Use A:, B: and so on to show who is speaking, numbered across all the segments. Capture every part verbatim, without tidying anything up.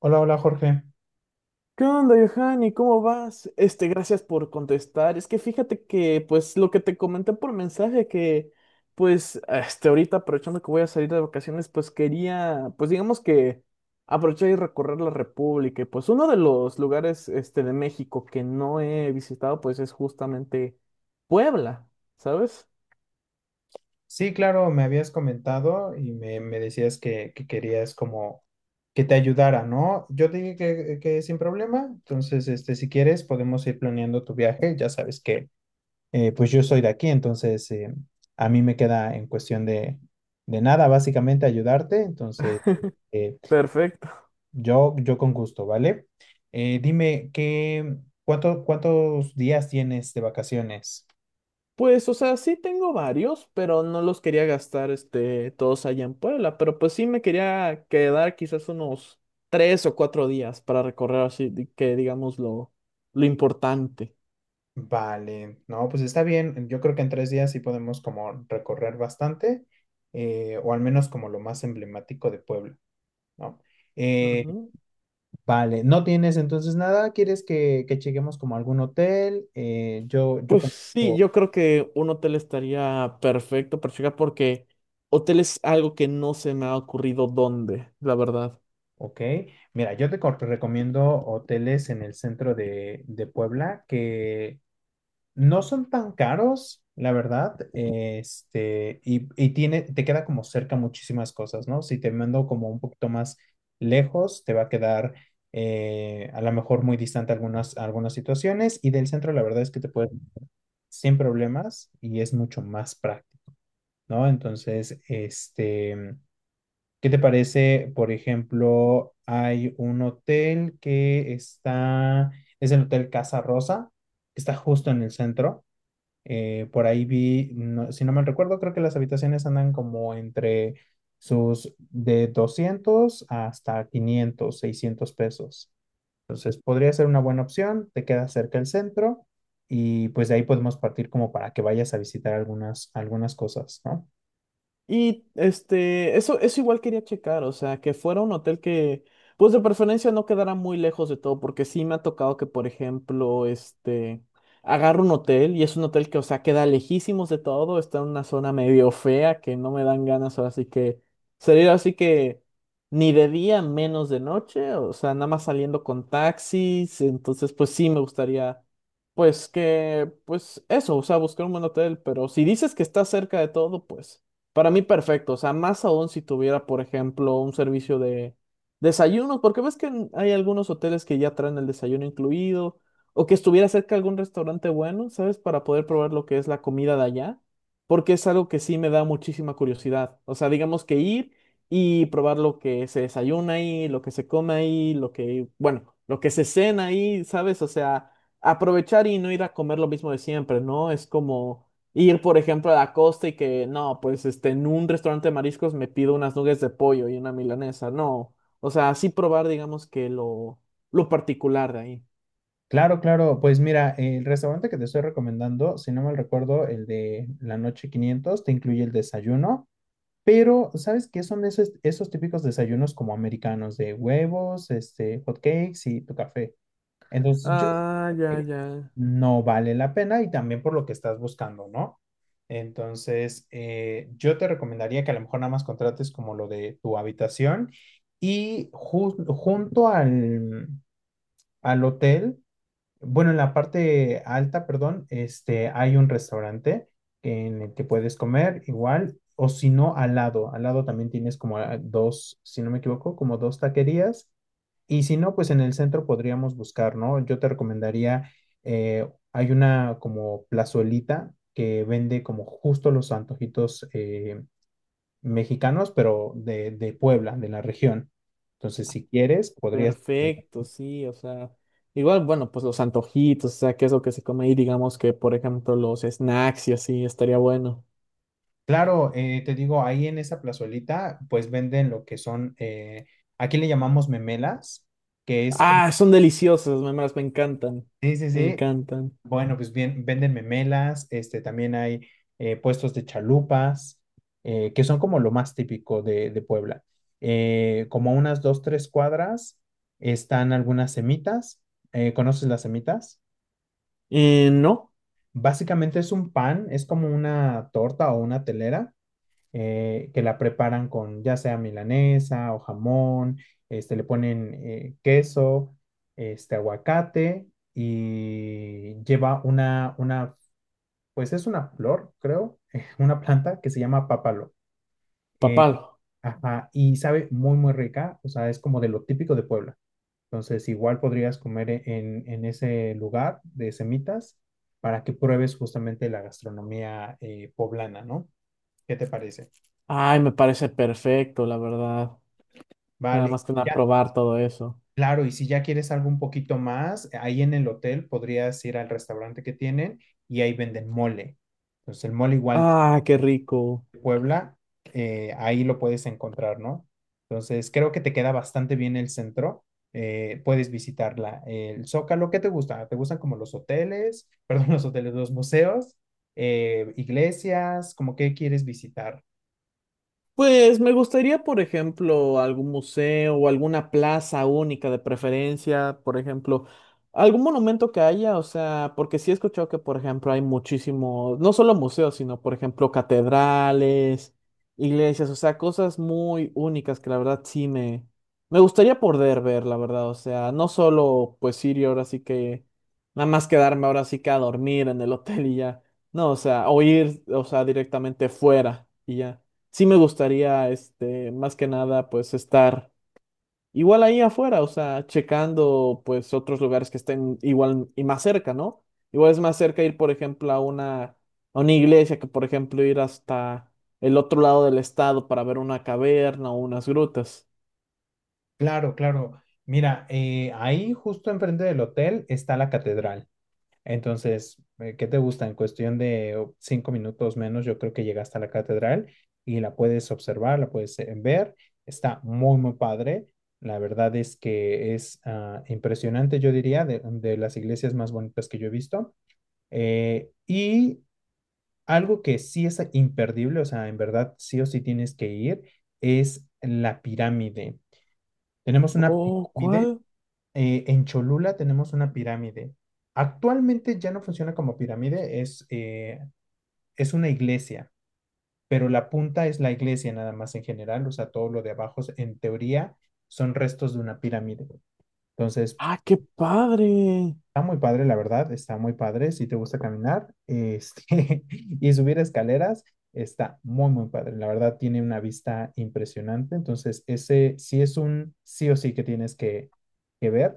A: Hola, hola Jorge.
B: ¿Qué onda, Johanny? ¿Cómo vas? Este, gracias por contestar. Es que fíjate que, pues, lo que te comenté por mensaje, que, pues, este, ahorita aprovechando que voy a salir de vacaciones, pues quería, pues, digamos que aprovechar y recorrer la República. Y, pues, uno de los lugares, este, de México que no he visitado, pues, es justamente Puebla, ¿sabes?
A: Sí, claro, me habías comentado y me, me decías que, que querías como que te ayudara, ¿no? Yo te dije que, que sin problema, entonces, este, si quieres, podemos ir planeando tu viaje. Ya sabes que, eh, pues yo soy de aquí, entonces eh, a mí me queda en cuestión de, de nada, básicamente ayudarte. Entonces, eh,
B: Perfecto.
A: yo, yo con gusto, ¿vale? Eh, dime, ¿qué, cuánto, cuántos días tienes de vacaciones?
B: Pues, o sea, sí tengo varios, pero no los quería gastar, este, todos allá en Puebla, pero pues sí me quería quedar quizás unos tres o cuatro días para recorrer así, di- que digamos lo, lo importante.
A: Vale, no, pues está bien. Yo creo que en tres días sí podemos como recorrer bastante, eh, o al menos como lo más emblemático de Puebla, ¿no? Eh,
B: Ujú.
A: vale, ¿no tienes entonces nada? ¿Quieres que, que lleguemos como a algún hotel? Eh, yo, yo
B: Pues
A: con...
B: sí, yo creo que un hotel estaría perfecto, perfecto, porque hotel es algo que no se me ha ocurrido dónde, la verdad.
A: Ok, mira, yo te co- recomiendo hoteles en el centro de, de Puebla que no son tan caros, la verdad, este, y, y tiene, te queda como cerca muchísimas cosas, ¿no? Si te mando como un poquito más lejos, te va a quedar eh, a lo mejor muy distante algunas, algunas situaciones, y del centro la verdad es que te puedes sin problemas y es mucho más práctico, ¿no? Entonces, este, ¿qué te parece? Por ejemplo, hay un hotel que está, es el Hotel Casa Rosa, que está justo en el centro. Eh, por ahí vi, no- si no mal recuerdo, creo que las habitaciones andan como entre sus de doscientos hasta quinientos seiscientos pesos. Entonces podría ser una buena opción, te queda cerca el centro y pues de ahí podemos partir como para que vayas a visitar algunas, algunas cosas, ¿no?
B: Y este, eso, eso igual quería checar, o sea, que fuera un hotel que, pues de preferencia no quedara muy lejos de todo, porque sí me ha tocado que, por ejemplo, este, agarro un hotel y es un hotel que, o sea, queda lejísimos de todo, está en una zona medio fea que no me dan ganas, ahora sí que salir así que ni de día, menos de noche, o sea, nada más saliendo con taxis, entonces, pues sí me gustaría. Pues que, pues eso, o sea, buscar un buen hotel, pero si dices que está cerca de todo, pues para mí perfecto, o sea, más aún si tuviera, por ejemplo, un servicio de desayunos, porque ves que en- hay algunos hoteles que ya traen el desayuno incluido, o que estuviera cerca algún restaurante bueno, ¿sabes? Para poder probar lo que es la comida de allá, porque es algo que sí me da muchísima curiosidad. O sea, digamos que ir y probar lo que se desayuna ahí, lo que se come ahí, lo que, bueno, lo que se cena ahí, ¿sabes? O sea, aprovechar y no ir a comer lo mismo de siempre, ¿no? Es como ir, por ejemplo, a la costa y que no, pues este, en un restaurante de mariscos me pido unas nuggets de pollo y una milanesa. No. O sea, así probar, digamos, que lo, lo particular de ahí.
A: Claro, claro, pues mira, el restaurante que te estoy recomendando, si no mal recuerdo, el de la noche quinientos te incluye el desayuno. Pero, ¿sabes qué son esos, esos típicos desayunos como americanos de huevos, este, hot cakes y tu café? Entonces, yo sé
B: Ah,
A: que
B: ya, ya.
A: no vale la pena y también por lo que estás buscando, ¿no? Entonces, eh, yo te recomendaría que a lo mejor nada más contrates como lo de tu habitación y ju- junto al, al hotel, bueno, en la parte alta, perdón, este, hay un restaurante en el que puedes comer igual, o si no, al lado. Al lado también tienes como a- dos, si no me equivoco, como dos taquerías. Y si no, pues en el centro podríamos buscar, ¿no? Yo te recomendaría, eh, hay una como plazuelita que vende como justo los antojitos eh, mexicanos, pero de, de Puebla, de la región. Entonces, si quieres, podrías.
B: Perfecto, sí, o sea. Igual, bueno, pues los antojitos, o sea, qué es lo que se come ahí, digamos que, por ejemplo, los snacks y así, estaría bueno.
A: Claro, eh, te digo, ahí en esa plazuelita, pues venden lo que son, eh, aquí le llamamos memelas, que es como,
B: Ah, son deliciosos, me, me las- me encantan,
A: sí, sí,
B: me
A: sí,
B: encantan.
A: bueno, pues bien, venden memelas, este, también hay eh, puestos de chalupas, eh, que son como lo más típico de, de Puebla. Eh, como a unas dos, tres cuadras están algunas semitas, eh, ¿conoces las semitas?
B: Eh, no,
A: Básicamente es un pan, es como una torta o una telera eh, que la preparan con ya sea milanesa o jamón, este, le ponen eh, queso, este, aguacate y lleva una, una, pues es una flor, creo, una planta que se llama pápalo. Eh,
B: papalo.
A: ajá, y sabe muy, muy rica, o sea, es como de lo típico de Puebla. Entonces, igual podrías comer e- en, en ese lugar de semitas para que pruebes justamente la gastronomía eh, poblana, ¿no? ¿Qué te parece?
B: Ay, me parece perfecto, la verdad. Nada
A: Vale.
B: más que nada
A: Ya.
B: probar todo eso.
A: Claro, y si ya quieres algo un poquito más, ahí en el hotel podrías ir al restaurante que tienen y ahí venden mole. Entonces el mole igual
B: Ah, qué rico.
A: de Puebla, eh, ahí lo puedes encontrar, ¿no? Entonces creo que te queda bastante bien el centro. Eh, puedes visitarla. El Zócalo, ¿qué te gusta? ¿Te gustan como los hoteles, perdón, los hoteles, los museos, eh, iglesias? ¿Cómo qué quieres visitar?
B: Pues me gustaría, por ejemplo, algún museo o alguna plaza única de preferencia, por ejemplo, algún monumento que haya, o sea, porque sí he escuchado que, por ejemplo, hay muchísimos, no solo museos, sino, por ejemplo, catedrales, iglesias, o sea, cosas muy únicas que la verdad sí me, me gustaría poder ver, la verdad, o sea, no solo pues ir y ahora sí que, nada más quedarme ahora sí que a dormir en el hotel y ya, no, o sea, o ir, o sea, directamente fuera y ya sí me gustaría, este, más que nada, pues estar igual ahí afuera, o sea, checando, pues, otros lugares que estén igual y más cerca, ¿no? Igual es más cerca ir, por ejemplo, a una, a una iglesia que, por ejemplo, ir hasta el otro lado del estado para ver una caverna o unas grutas.
A: Claro, claro. Mira, eh, ahí justo enfrente del hotel está la catedral. Entonces, eh, ¿qué te gusta? En cuestión de oh, cinco minutos menos, yo creo que llegaste a la catedral y la puedes observar, la puedes eh, ver. Está muy, muy padre. La verdad es que es ah, impresionante, yo diría, de, de las iglesias más bonitas que yo he visto. Eh, y algo que sí es imperdible, o sea, en verdad sí o sí tienes que ir, es la pirámide. Tenemos una
B: Oh,
A: pirámide
B: ¿cuál?
A: eh, en Cholula tenemos una pirámide. Actualmente ya no funciona como pirámide, es, eh, es una iglesia, pero la punta es la iglesia nada más en general, o sea, todo lo de abajo es- en teoría son restos de una pirámide. Entonces,
B: Ah, qué padre.
A: está muy padre, la verdad, está muy padre. Si te gusta caminar este, y subir escaleras, está muy, muy padre. La verdad, tiene una vista impresionante. Entonces, ese sí es un sí o sí que tienes que, que ver.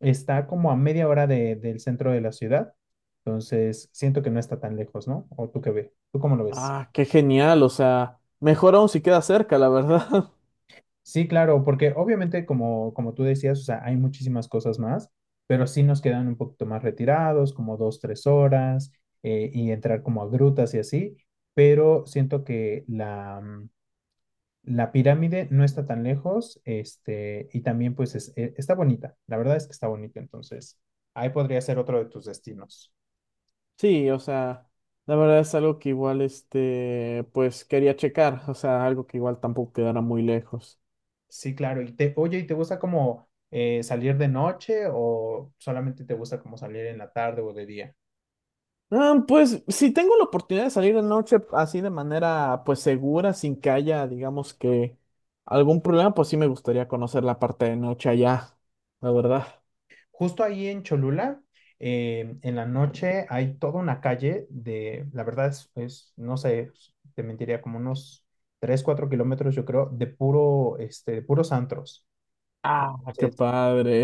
A: Está como a media hora de- del centro de la ciudad, entonces siento que no está tan lejos, ¿no? ¿O tú qué ves? ¿Tú cómo lo ves?
B: Ah, qué genial, o sea, mejor aún si queda cerca, la verdad.
A: Sí, claro, porque obviamente como, como tú decías, o sea, hay muchísimas cosas más, pero sí nos quedan un poquito más retirados, como dos, tres horas, eh, y entrar como a grutas y así, pero siento que la, mm, la pirámide no está tan lejos, este, y también pues es- eh, está bonita, la verdad es que está bonita, entonces ahí podría ser otro de tus destinos.
B: Sí, o sea, la verdad es algo que igual, este, pues quería checar, o sea, algo que igual tampoco quedara muy lejos.
A: Sí, claro. Y te, oye, ¿y te gusta como eh, salir de noche o solamente te gusta como salir en la tarde o de día?
B: Ah, pues si tengo la oportunidad de salir de noche así de manera, pues segura, sin que haya, digamos que algún problema, pues sí me gustaría conocer la parte de noche allá, la verdad.
A: Justo ahí en Cholula, eh, en la noche hay toda una calle de, la verdad es, es, no sé, te mentiría, como unos tres, cuatro kilómetros, yo creo, de puro, este, de puros antros.
B: Ah, qué
A: Entonces,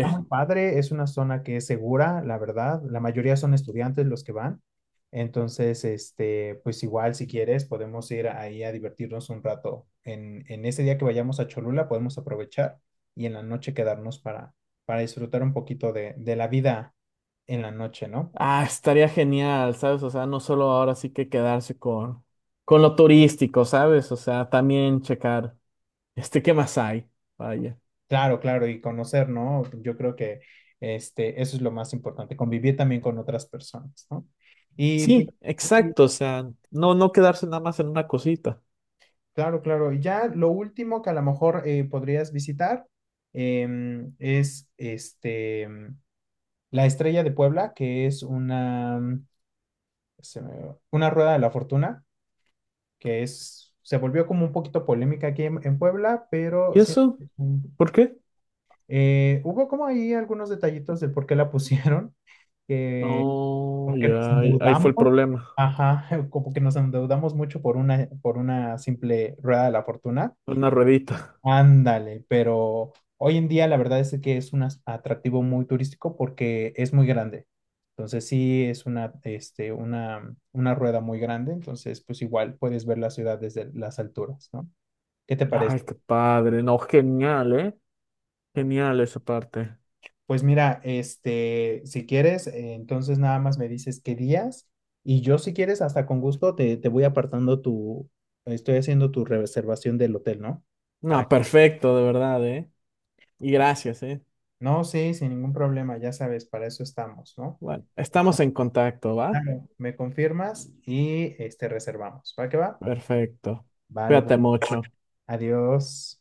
A: está muy padre, es una zona que es segura, la verdad. La mayoría son estudiantes los que van. Entonces, este, pues igual si quieres, podemos ir ahí a divertirnos un rato. En, en ese día que vayamos a Cholula, podemos aprovechar y en la noche quedarnos para, para disfrutar un poquito de, de la vida en la noche, ¿no?
B: Ah, estaría genial, ¿sabes? O sea, no solo ahora sí que quedarse con, con lo turístico, ¿sabes? O sea, también checar, este, ¿qué más hay? Vaya.
A: Claro, claro, y conocer, ¿no? Yo creo que este, eso es lo más importante, convivir también con otras personas, ¿no? Y pues,
B: Sí,
A: sí,
B: exacto, o sea, no, no quedarse nada más en una cosita.
A: claro, claro. Y ya lo último que a lo mejor eh, podrías visitar em, es este, em, la Estrella de Puebla, que es una, mm, se me- una rueda de la fortuna, que es, se volvió como un poquito polémica aquí en, en Puebla, pero
B: ¿Y
A: sí,
B: eso?
A: es un-
B: ¿Por qué?
A: eh, hubo como ahí algunos detallitos de por qué la pusieron, que
B: No,
A: como que nos
B: ya, ahí ahí fue
A: endeudamos,
B: el problema,
A: ajá, como que nos endeudamos mucho por una, por una, simple rueda de la fortuna.
B: una ruedita.
A: Ándale, pero hoy en día la verdad es que es un as- atractivo muy turístico porque es muy grande. Entonces sí es una, este, una, una rueda muy grande, entonces pues igual puedes ver la ciudad desde las alturas, ¿no? ¿Qué te parece?
B: Ay, qué padre, no, genial, ¿eh? Genial esa parte.
A: Pues mira, este, si quieres, eh, entonces nada más me dices qué días y yo si quieres hasta con gusto te, te voy apartando tu, estoy haciendo tu reservación del hotel, ¿no? Para...
B: No, perfecto, de verdad, ¿eh? Y gracias, ¿eh?
A: No, sí, sin ningún problema, ya sabes, para eso estamos, ¿no?
B: Bueno, estamos en contacto, ¿va?
A: Claro, me confirmas y este reservamos. ¿Va que va?
B: Perfecto.
A: Vale, pues
B: Cuídate mucho.
A: adiós.